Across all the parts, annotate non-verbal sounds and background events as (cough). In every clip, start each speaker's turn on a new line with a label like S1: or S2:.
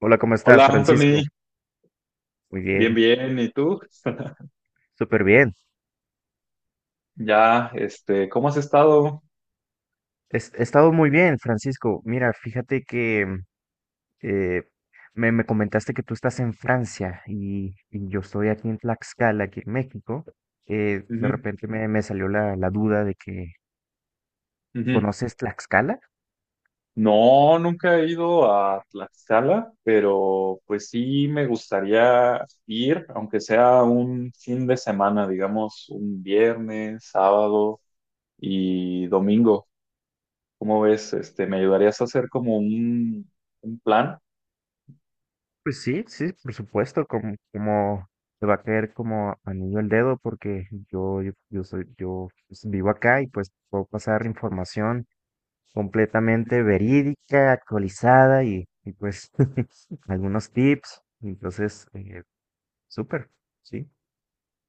S1: Hola, ¿cómo estás,
S2: Hola Anthony,
S1: Francisco? Muy
S2: bien,
S1: bien,
S2: bien, ¿y tú? (laughs)
S1: súper bien.
S2: Ya, ¿cómo has estado?
S1: He estado muy bien, Francisco. Mira, fíjate que eh, me comentaste que tú estás en Francia y yo estoy aquí en Tlaxcala, aquí en México. De
S2: Ujú,
S1: repente me salió la duda de que,
S2: ujú.
S1: ¿conoces Tlaxcala?
S2: No, nunca he ido a Tlaxcala, pero pues sí me gustaría ir, aunque sea un fin de semana, digamos, un viernes, sábado y domingo. ¿Cómo ves? ¿Me ayudarías a hacer como un plan?
S1: Pues sí, sí, por supuesto, como te va a caer como anillo al dedo porque yo soy, yo pues, vivo acá y pues puedo pasar información completamente verídica, actualizada y pues (laughs) algunos tips. Entonces, súper, ¿sí?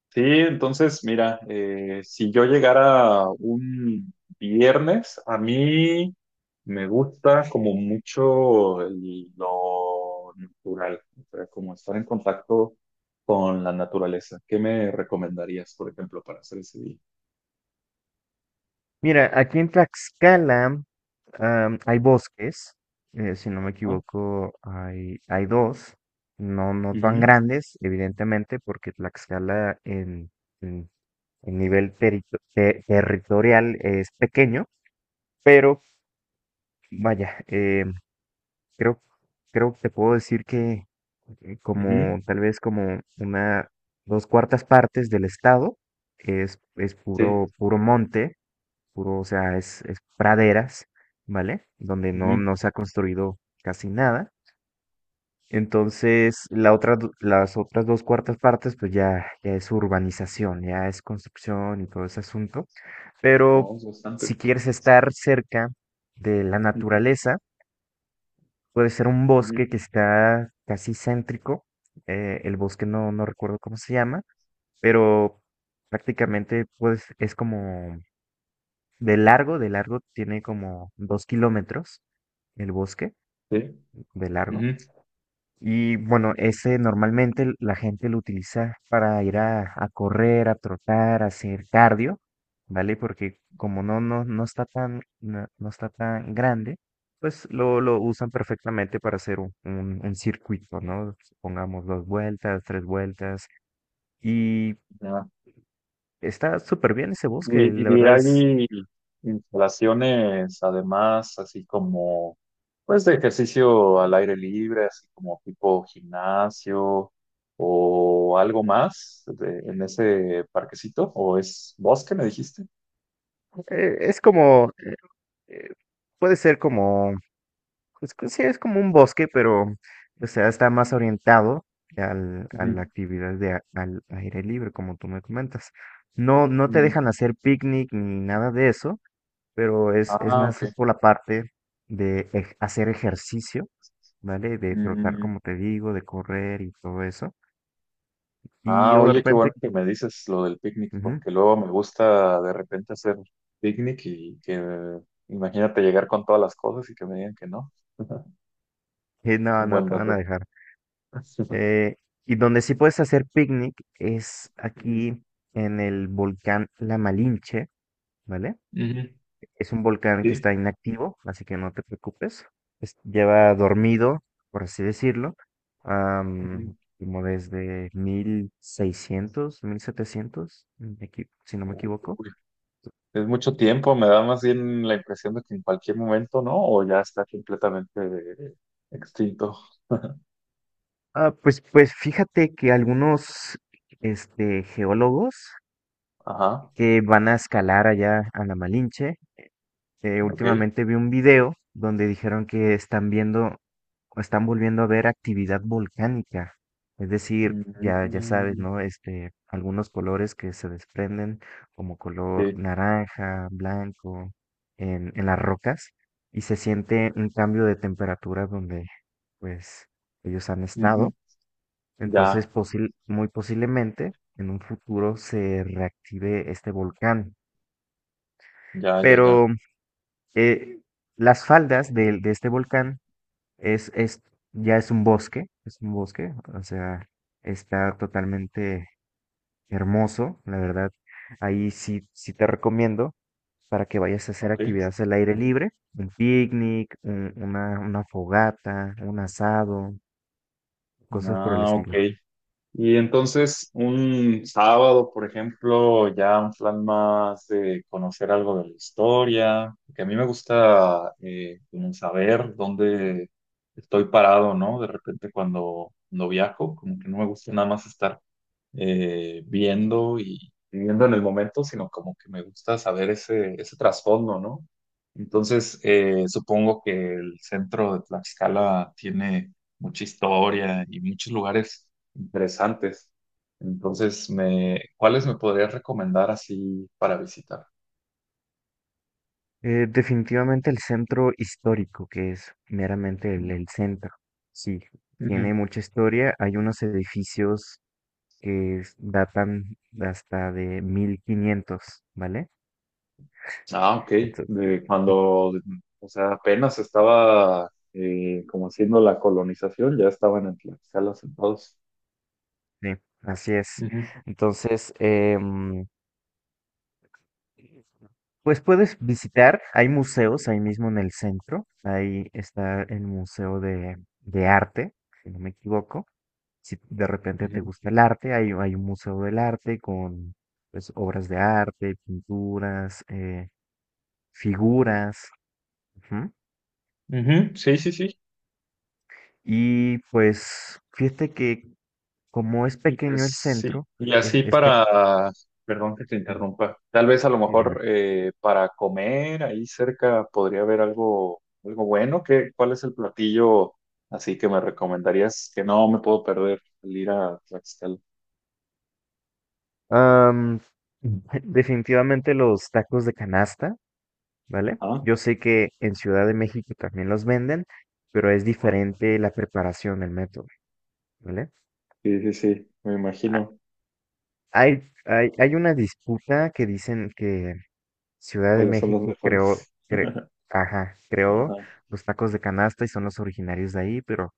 S2: Sí, entonces, mira, si yo llegara un viernes, a mí me gusta como mucho lo natural, o sea, como estar en contacto con la naturaleza. ¿Qué me recomendarías, por ejemplo, para hacer ese día?
S1: Mira, aquí en Tlaxcala hay bosques, si no me
S2: Ajá.
S1: equivoco, hay dos, no tan
S2: Ujú,
S1: grandes, evidentemente, porque Tlaxcala en, en nivel territorial es pequeño, pero vaya, Creo, creo que te puedo decir que
S2: ujú,
S1: como tal vez como una dos cuartas partes del estado es
S2: sí,
S1: puro, puro monte, puro, o sea, es praderas, ¿vale? Donde
S2: ujú.
S1: no se ha construido casi nada. Entonces, las otras dos cuartas partes, pues ya es urbanización, ya es construcción y todo ese asunto. Pero
S2: Vamos bastante.
S1: si quieres estar cerca de la
S2: Ujú,
S1: naturaleza, puede ser un
S2: ujú,
S1: bosque que está casi céntrico. El bosque no recuerdo cómo se llama, pero prácticamente pues es como de largo tiene como 2 kilómetros el bosque
S2: sí,
S1: de largo. Y bueno, ese normalmente la gente lo utiliza para ir a, correr, a trotar, a hacer cardio, ¿vale? Porque como no está tan, no está tan grande, pues lo usan perfectamente para hacer un circuito, ¿no? Pongamos dos vueltas, tres vueltas. Y
S2: ujú.
S1: está súper bien ese bosque, la
S2: Y
S1: verdad
S2: hay instalaciones, además, así como, pues, de ejercicio al aire libre, así como tipo gimnasio o algo en ese parquecito, o es bosque, me dijiste.
S1: es como, eh, puede ser como pues que sí, es como un bosque, pero, o sea, está más orientado al, a la
S2: Ujú.
S1: actividad de, al aire libre, como tú me comentas. No, no te
S2: Mm.
S1: dejan hacer picnic ni nada de eso, pero es
S2: Ah,
S1: más
S2: ok.
S1: por la parte de hacer ejercicio, ¿vale? De trotar,
S2: Mm.
S1: como te digo, de correr y todo eso. Y
S2: Ah,
S1: o de
S2: oye, qué bueno
S1: repente,
S2: que me dices lo del picnic,
S1: ujú,
S2: porque luego me gusta de repente hacer picnic imagínate llegar con todas las cosas y que me digan que no. (laughs)
S1: eh,
S2: Es
S1: no,
S2: un
S1: no
S2: buen
S1: te van a
S2: dato.
S1: dejar.
S2: (laughs)
S1: Eh, y donde sí puedes hacer picnic es
S2: Ujú.
S1: aquí en el volcán La Malinche, ¿vale?
S2: Ujú.
S1: Es un volcán que
S2: Sí.
S1: está inactivo, así que no te preocupes. Lleva dormido, por así decirlo,
S2: Ujú.
S1: am, como desde mil 1700, si no me equivoco.
S2: Uy, es mucho tiempo, me da más bien la impresión de que en cualquier momento, ¿no? O ya está completamente extinto.
S1: Ah, pues, pues fíjate que algunos este, geólogos
S2: Ajá,
S1: que van a escalar allá a la Malinche. Eh,
S2: ok.
S1: últimamente vi un video donde dijeron que están viendo o están volviendo a ver actividad volcánica. Es decir, ya, ya sabes,
S2: Mm,
S1: ¿no? Este, algunos colores que se desprenden, como color
S2: sí.
S1: naranja, blanco, en las rocas, y se siente un cambio de temperatura donde, pues, ellos han estado.
S2: Ujú.
S1: Entonces,
S2: Ya,
S1: muy posiblemente en un futuro se reactive este volcán.
S2: ya, ya, ya.
S1: Pero eh, las faldas de este volcán es, es, ya es un bosque, o sea, está totalmente hermoso, la verdad. Ahí sí, sí te recomiendo para que vayas a hacer
S2: Ok.
S1: actividades al aire libre, un picnic, una fogata, un asado, cosas por el
S2: Ah, ok.
S1: estilo.
S2: Y entonces, un sábado, por ejemplo, ya un plan más de conocer algo de la historia, que a mí me gusta como saber dónde estoy parado, ¿no? De repente cuando viajo, como que no me gusta nada más estar viendo y viviendo en el momento, sino como que me gusta saber ese trasfondo, ¿no? Entonces, supongo que el centro de Tlaxcala tiene mucha historia y muchos lugares interesantes. Entonces, ¿cuáles me podrías recomendar así para visitar?
S1: Definitivamente el centro histórico, que es meramente el centro, sí, tiene
S2: Ujú.
S1: mucha historia, hay unos edificios que datan hasta de 1500, ¿vale?
S2: Ah, ok.
S1: Entonces,
S2: De cuando, o sea, apenas estaba como haciendo la colonización, ya estaban en Tlaxcala sentados.
S1: sí, así es.
S2: Ujú,
S1: Entonces, pues puedes visitar, hay museos ahí mismo en el centro, ahí está el Museo de Arte, si no me equivoco. Si de repente te
S2: ujú.
S1: gusta el arte, hay un museo del arte con pues, obras de arte, pinturas, figuras. Ujú.
S2: Ujú, sí, sí, sí.
S1: Y pues fíjate que como es
S2: Y pues
S1: pequeño el
S2: sí.
S1: centro, es, es pe-
S2: Perdón que te interrumpa, tal vez a lo
S1: Sí,
S2: mejor
S1: dime.
S2: para comer ahí cerca podría haber algo, algo bueno. ¿Qué, cuál es el platillo así que me recomendarías que no me puedo perder al ir a Tlaxcala?
S1: Am, (laughs) Definitivamente los tacos de canasta, ¿vale?
S2: Ajá.
S1: Yo sé que en Ciudad de México también los venden, pero es
S2: Ajá.
S1: diferente la preparación, el método, ¿vale?
S2: Sí, sí, sí, me
S1: A-
S2: imagino
S1: hay una disputa que dicen que Ciudad de
S2: cuáles son los
S1: México creó,
S2: mejores.
S1: ajá,
S2: Ajá.
S1: creó los tacos de canasta y son los originarios de ahí,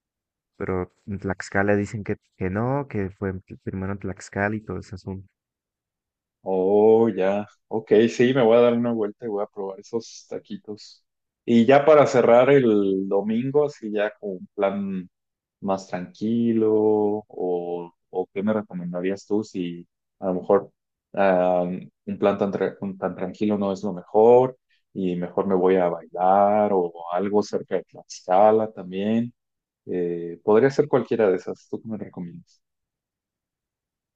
S1: pero en Tlaxcala dicen que, no, que fue primero en Tlaxcala y todo eso.
S2: Oh, ya. Ok, sí, me voy a dar una vuelta y voy a probar esos taquitos. Y ya para cerrar el domingo, así ya con un plan más tranquilo, o qué me recomendarías tú si a lo mejor ah, un plan tan tranquilo no es lo mejor y mejor me voy a bailar o algo cerca de Tlaxcala también. Podría ser cualquiera de esas. ¿Tú qué me recomiendas?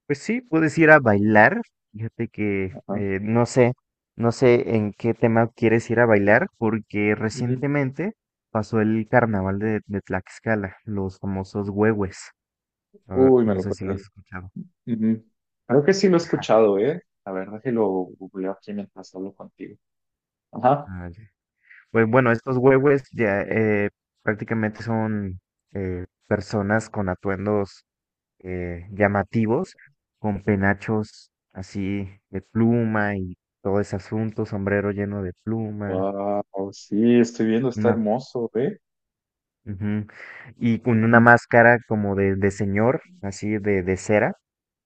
S1: Pues sí, puedes ir a bailar. Fíjate que
S2: Ajá.
S1: no sé, no sé en qué tema quieres ir a bailar, porque
S2: Ujú.
S1: recientemente pasó el carnaval de Tlaxcala, los famosos huehues. Ah,
S2: Uy, me
S1: no
S2: lo
S1: sé si lo has
S2: perdí.
S1: escuchado.
S2: Ujú. Creo que sí lo he
S1: Ajá.
S2: escuchado, ¿eh? La verdad que lo googleo aquí mientras hablo contigo. Ajá.
S1: Ah, ya. Pues bueno, estos huehues ya prácticamente son personas con atuendos llamativos, con penachos así de pluma y todo ese asunto, sombrero lleno de pluma.
S2: Wow, sí, estoy viendo, está
S1: Una.
S2: hermoso, ¿eh?
S1: Ujú. Y con una
S2: Ujú.
S1: máscara como de señor, así de cera.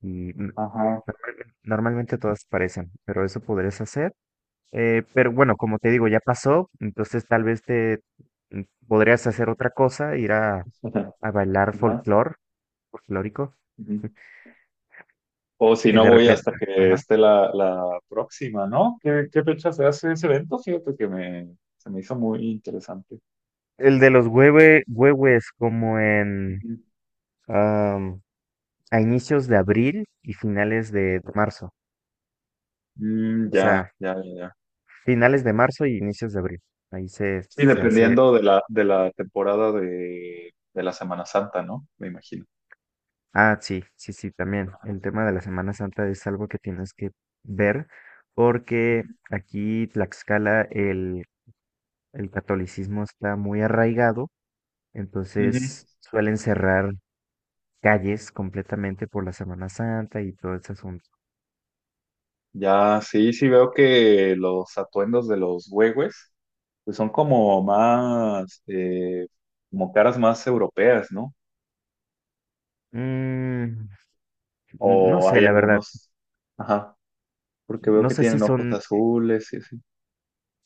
S1: Y
S2: Ajá.
S1: normalmente, normalmente todas parecen, pero eso podrías hacer. Pero bueno, como te digo, ya pasó, entonces tal vez te mm, podrías hacer otra cosa, ir
S2: (laughs)
S1: a bailar
S2: Ajá.
S1: folclor, folclórico.
S2: Ujú. O si
S1: Y
S2: no,
S1: de
S2: voy hasta
S1: repente,
S2: que
S1: ajá.
S2: esté la próxima, ¿no? ¿Qué, qué fecha se hace ese evento? Fíjate que se me hizo muy interesante.
S1: El de los huehues como en
S2: Ujú.
S1: am, a inicios de abril y finales de marzo.
S2: Mm,
S1: O
S2: ya,
S1: sea,
S2: ya, ya, ya.
S1: finales de marzo y inicios de abril. Ahí se,
S2: Sí,
S1: se hace.
S2: dependiendo de de la temporada de la Semana Santa, ¿no? Me imagino.
S1: Ah, sí, sí, sí, también.
S2: Ajá.
S1: El tema de la Semana Santa es algo que tienes que ver porque aquí Tlaxcala el catolicismo está muy arraigado, entonces
S2: Ujú.
S1: suelen cerrar calles completamente por la Semana Santa y todo ese asunto.
S2: Ya, sí, sí veo que los atuendos de los huehues pues son como más, como caras más europeas, ¿no?
S1: Mm, no
S2: O
S1: sé,
S2: hay
S1: la verdad.
S2: algunos, ajá, porque veo
S1: No
S2: que
S1: sé si
S2: tienen ojos
S1: son.
S2: azules y así.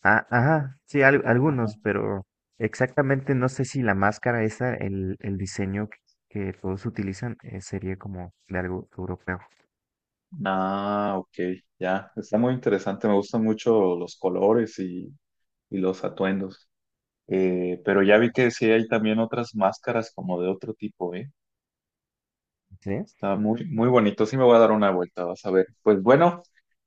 S1: Ah, ajá, sí,
S2: Ajá.
S1: algunos, pero exactamente no sé si la máscara esa, el diseño que todos utilizan, sería como de algo europeo.
S2: Ah, ok, ya, está muy interesante, me gustan mucho los colores y los atuendos. Pero ya vi que sí hay también otras máscaras como de otro tipo, ¿eh?
S1: ¿Sí?
S2: Está muy, muy bonito, sí me voy a dar una vuelta, vas a ver. Pues bueno.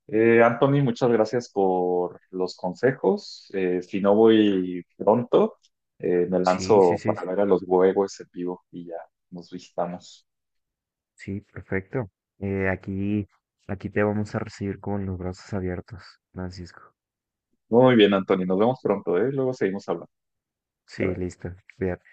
S2: Anthony, muchas gracias por los consejos. Si no voy pronto, me
S1: Sí, sí,
S2: lanzo
S1: sí,
S2: para ver a los huevos en vivo y ya nos visitamos.
S1: sí, perfecto. Aquí, aquí te vamos a recibir con los brazos abiertos, Francisco.
S2: Muy bien, Anthony, nos vemos pronto, ¿eh? Luego seguimos hablando. Bye,
S1: Sí,
S2: bye.
S1: listo, cuídate.